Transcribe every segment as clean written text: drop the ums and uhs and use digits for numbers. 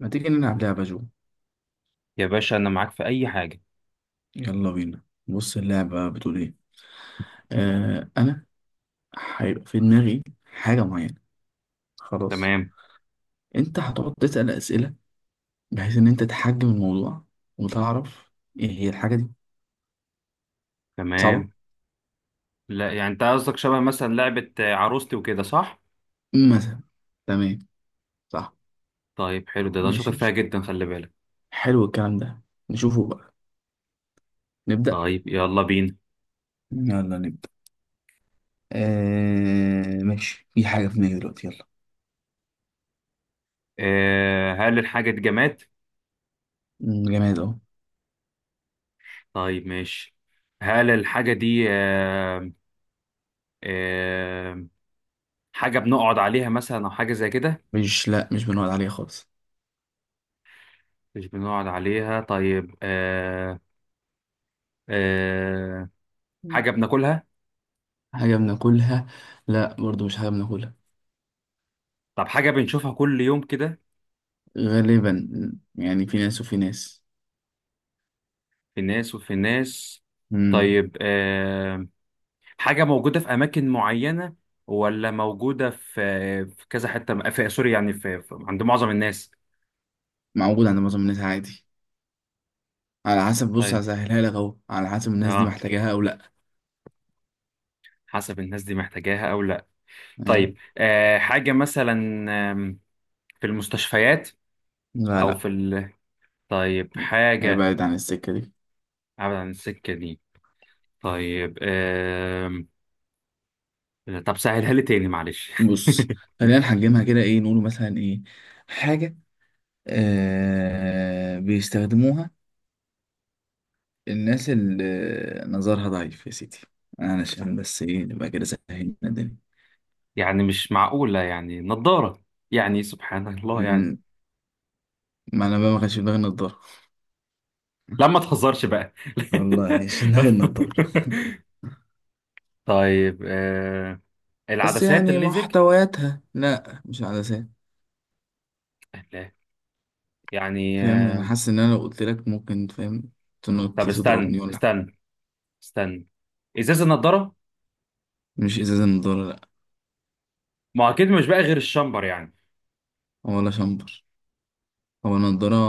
ما تيجي نلعب لعبة جو. يا باشا انا معاك في اي حاجه. يلا بينا. بص اللعبة بتقول ايه. انا هيبقى في دماغي حاجة معينة. خلاص. تمام. انت هتقعد تسأل اسئلة بحيث ان انت تحجم الموضوع وتعرف ايه هي الحاجة دي. صعبة. تمام. لا يعني انت قصدك شبه مثلا لعبه عروستي وكده، صح؟ مثلا. تمام. صح. طيب حلو، ده أنا شاطر ماشي. فيها جدا، خلي بالك. حلو الكلام ده، نشوفه بقى. نبدأ. طيب يلا بينا. يلا نبدأ. ماشي، في حاجة في دماغي دلوقتي، يلا. آه، هل الحاجه دي جماد؟ جماد اهو. طيب ماشي. هل الحاجه دي آه حاجه بنقعد عليها مثلا او حاجه زي كده؟ مش، لا مش بنقعد عليها خالص. مش بنقعد عليها، طيب. آه حاجه بناكلها؟ حاجة بناكلها؟ لا برضو مش حاجة بناكلها. طب حاجه بنشوفها كل يوم كده؟ غالبا، يعني في ناس وفي ناس. في ناس وفي ناس. امم طيب آه، حاجة موجودة في أماكن معينة ولا موجودة في كذا حتة؟ في سوري يعني، عند معظم الناس. موجود عند معظم الناس عادي. على حسب، بص طيب هسهلها لك اهو، على حسب الناس دي اه، محتاجاها او لا. حسب الناس دي محتاجاها أو لا. ايوه. طيب آه، حاجة مثلا آم، في المستشفيات لا أو لا، في ال...؟ طيب هي حاجة بعيد عن السكة دي. أبعد عن السكة دي. طيب طب سهلها لي تاني معلش. بص، خلينا نحجمها كده، ايه نقول مثلا ايه. حاجة بيستخدموها الناس اللي نظرها ضعيف يا سيدي، علشان بس ايه نبقى كده سهلنا الدنيا. يعني مش معقولة يعني نضارة؟ يعني سبحان الله يعني. مم، ما انا بقى ما كانش في دماغي النضارة. لا ما تهزرش بقى. والله مش في دماغي النضارة. طيب آه، بس العدسات، يعني الليزك؟ محتوياتها، لا مش عدسات. لا يعني فاهم، انا آه. حاسس ان انا لو قلت لك، ممكن فاهم تنط طب استنى تضربني ولا حاجة. استنى استنى، ازاز النضاره؟ مش ازازة نضارة، لا. ما هو اكيد مش بقى غير الشامبر يعني. ولا شامبر، هو نضارة.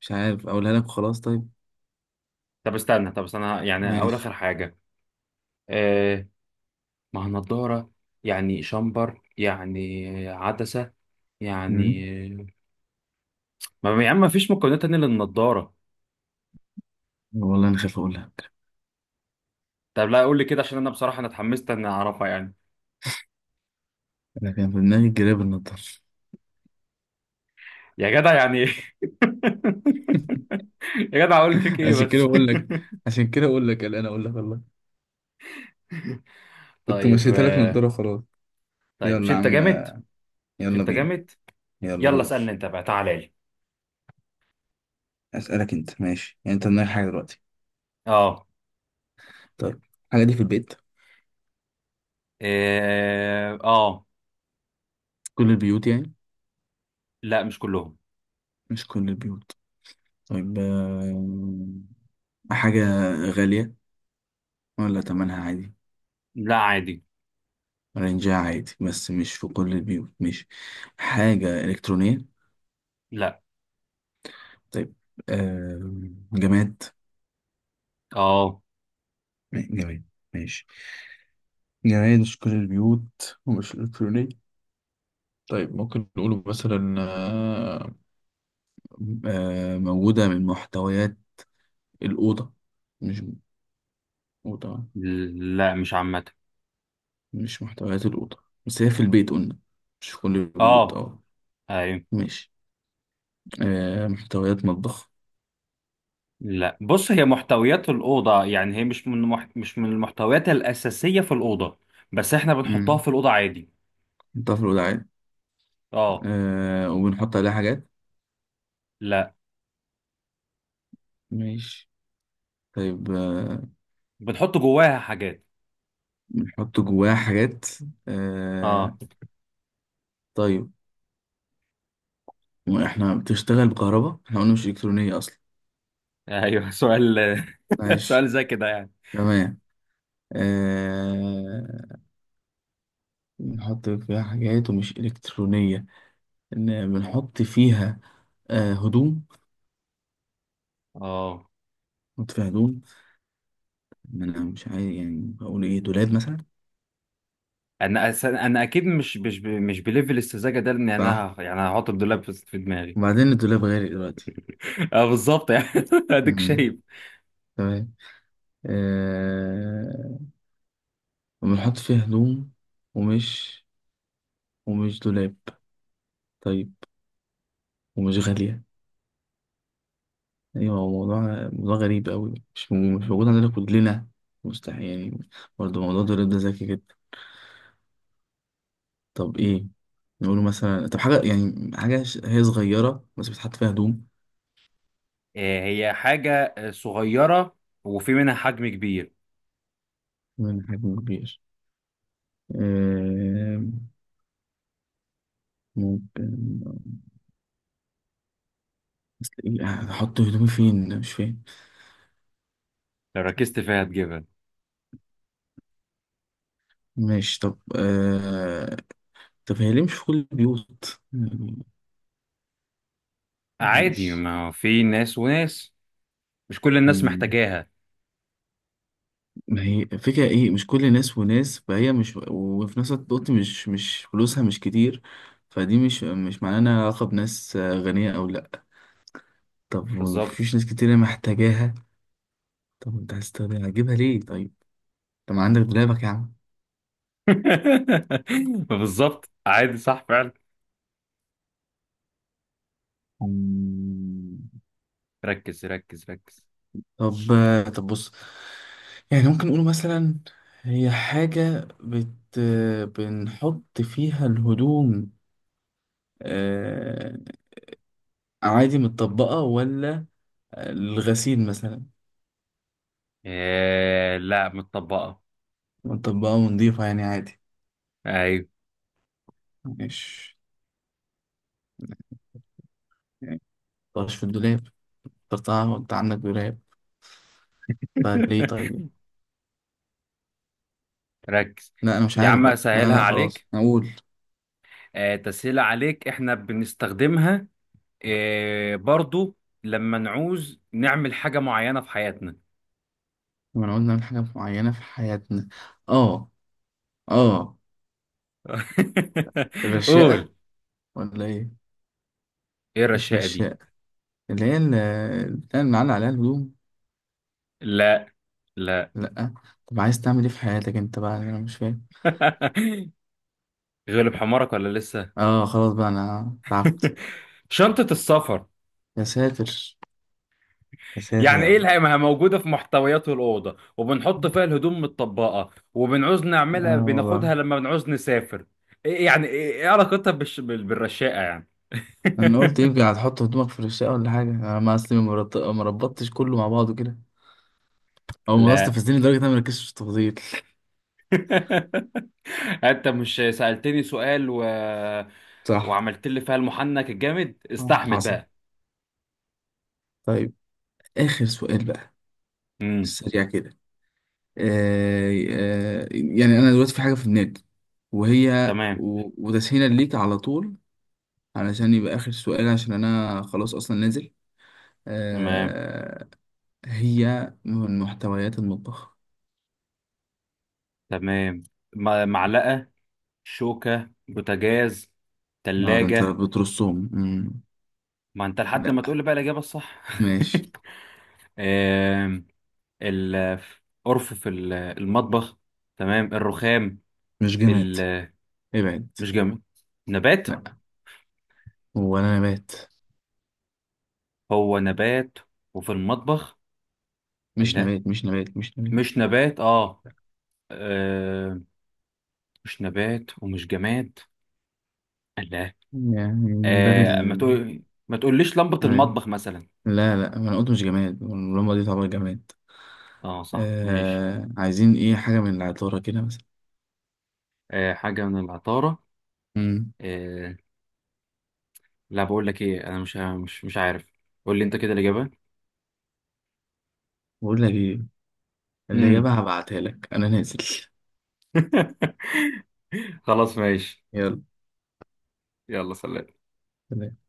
مش عارف اقولها لك، خلاص طيب. طب استنى يعني اول ماشي. اخر حاجه. آه، ما هو نضاره يعني، شامبر يعني عدسه مم. يعني. ما يا عم، ما فيش مكونات تانية للنضاره؟ والله انا خايف اقول لك. طب لا قول لي كده، عشان انا بصراحه انا اتحمست ان اعرفها يعني. انا كان في دماغي جراب النضارة. يا جدع يعني إيه؟ يا جدع، اقول فيك ايه عشان بس. كده بقول لك، عشان كده بقول لك قلقان اقول لك والله. كنت طيب مشيتها لك آه، نضارة خلاص. طيب مش يلا انت عامل، جامد؟ مش يلا انت بينا. جامد؟ يلا يلا اسألني دوس. انت بقى، تعالى لي. اسالك انت ماشي، يعني انت دماغك حاجة دلوقتي؟ اه. طيب، الحاجة دي في البيت؟ إيه، اه. كل البيوت يعني؟ لا مش كلهم. مش كل البيوت. طيب حاجة غالية ولا تمنها عادي؟ لا عادي. رينجها عادي بس مش في كل البيوت، مش حاجة إلكترونية؟ لا. طيب آه، جماد؟ اه. جماد، ماشي. جماد، مش كل البيوت، ومش إلكترونية. طيب ممكن نقوله مثلا موجودة من محتويات الأوضة؟ مش أوضة؟ لا مش عامة. مش محتويات الأوضة؟ بس هي في البيت قلنا، مش في كل البيوت، اه. اه. ايوه. ماشي محتويات مطبخ؟ لا بص، هي محتويات الأوضة يعني، هي مش من مش من المحتويات الأساسية في الأوضة، بس احنا بنحطها مم. في الأوضة عادي. نحطها في الوعاء؟ اه. وبنحط عليها حاجات؟ لا، ماشي. طيب بنحط جواها حاجات. بنحط جواها حاجات. اه. آه، طيب احنا بتشتغل بكهرباء؟ احنا قلنا مش إلكترونية أصلا. ايوه. سؤال؟ ماشي. سؤال زي كده يعني. تمام. آه، بنحط فيها حاجات ومش إلكترونية. إن بنحط فيها هدوم؟ اه. نحط فيها هدوم. ما أنا مش عارف يعني، بقول إيه دولاب مثلا. انا انا اكيد مش مش بليفل السذاجه ده، لان صح، انا يعني هحط الدولاب في دماغي. وبعدين الدولاب غالي دلوقتي. اه بالظبط يعني، اديك شايف. مم. تمام. آه، وبنحط فيها هدوم ومش، ومش دولاب. طيب، ومش غالية. أيوة، هو موضوع غريب أوي، مش مش موجود عندنا كلنا، مستحيل يعني. برضه موضوع الدولاب ده ذكي جدا. طب إيه نقوله مثلا؟ طب حاجة يعني، حاجة هي صغيرة بس بتحط فيها هدوم؟ آه، هي حاجه آه، صغيره، وفي منها حجم كبير. من حجم كبير؟ آه، ممكن. بس إيه، هحط هدومي فين مش فاهم. لو ركزت فيها هتجيبها. ماشي. طب هي ليه مش في كل البيوت يعني؟ عادي، ماشي. ما هو في ناس وناس. مش كل الناس مم. محتاجاها. ما هي فكرة ايه، مش كل ناس وناس فهي مش، وفي نفس الوقت قلت مش، فلوسها مش كتير. فدي مش معناها انها علاقة بناس غنية او لا. طب، بالظبط. ومفيش ناس كتير محتاجاها. طب انت هتستخدمها هتجيبها ليه طيب؟ طب ما عندك دولابك يا عم. بالظبط، عادي، صح فعلا. مم. ركز. طب طب بص، يعني ممكن نقول مثلا هي حاجة بنحط فيها الهدوم آه، عادي متطبقة؟ ولا الغسيل مثلا؟ آه لا، متطبقه. ونطبقها ونضيفها يعني عادي؟ ايوه. مش يعني طش في الدولاب، اخترتها وانت عندك دولاب، فليه طيب؟ ركز. لا انا مش يا عارف عم بقى، لا اسهلها لا، عليك، خلاص اقول. آه، تسهيلة عليك، احنا بنستخدمها آه، برضو لما نعوز نعمل حاجة معينة في حياتنا. لما نقول نعمل حاجة معينة في حياتنا. اه. اه. الرشاقة قول. ولا ايه؟ ايه مش الرشاقة دي؟ رشاقة، اللي هي البتاع اللي معلق عليها الهدوم. لا. لا. لا. طب عايز تعمل ايه في حياتك انت بقى، انا مش فاهم. غلب حمارك ولا لسه؟ اه خلاص بقى انا تعبت. شنطة السفر. يا ساتر، يا ساتر يعني يا ايه رب. اللي ما هي موجودة في محتويات الأوضة، وبنحط فيها الهدوم متطبقة، وبنعوز نعملها اه والله. بناخدها لما بنعوز نسافر؟ إيه يعني، ايه إيه علاقتها بالرشاقة يعني؟ انا قلت يمكن هتحطه في دماغك في الشقه ولا حاجه، انا ما اصلي ما ربطتش كله مع بعضه كده، او الموضوع لا. استفزني لدرجه ان انا ما ركزتش في التفاصيل. انت مش سألتني سؤال و... صح. وعملت لي فيها المحنك الجامد، استحمل حصل. بقى. طيب، اخر سؤال بقى، امم. سريع كده. يعني انا دلوقتي في حاجه في دماغي، تمام. وتسهيلا ليك على طول، علشان يبقى اخر سؤال، عشان انا خلاص اصلا نازل. تمام. آه، هي من محتويات المطبخ. تمام. معلقة، شوكة، بوتاجاز، اه ده انت تلاجة. بترصهم. مم. ما انت لحد ما تقول لا. لي بقى الإجابة الصح. ماشي. آم، القرف في المطبخ، تمام، الرخام، مش جماد، ال...، ابعد. مش جامد، نبات. لا، هو انا نبات؟ هو نبات؟ وفي المطبخ؟ مش لا نبات، مش نبات، مش نبات. مش نبات. اه مش نبات ومش جماد. لا. يعني من باب آه ما تقول، ما تقوليش لمبة أي. المطبخ مثلا؟ لا لا، ما انا قلت مش جماد، واللمبة دي تعتبر جماد. اه صح ماشي. آه... عايزين ايه، حاجة من العطارة كده مثلا؟ آه حاجة من العطارة. امم آه لا، بقول لك ايه، انا مش مش عارف. قول لي انت كده الإجابة. بقول لك ايه، اللي امم. جابها هبعتها لك، انا نازل. خلاص ماشي. يلا يلا سلام. سلام.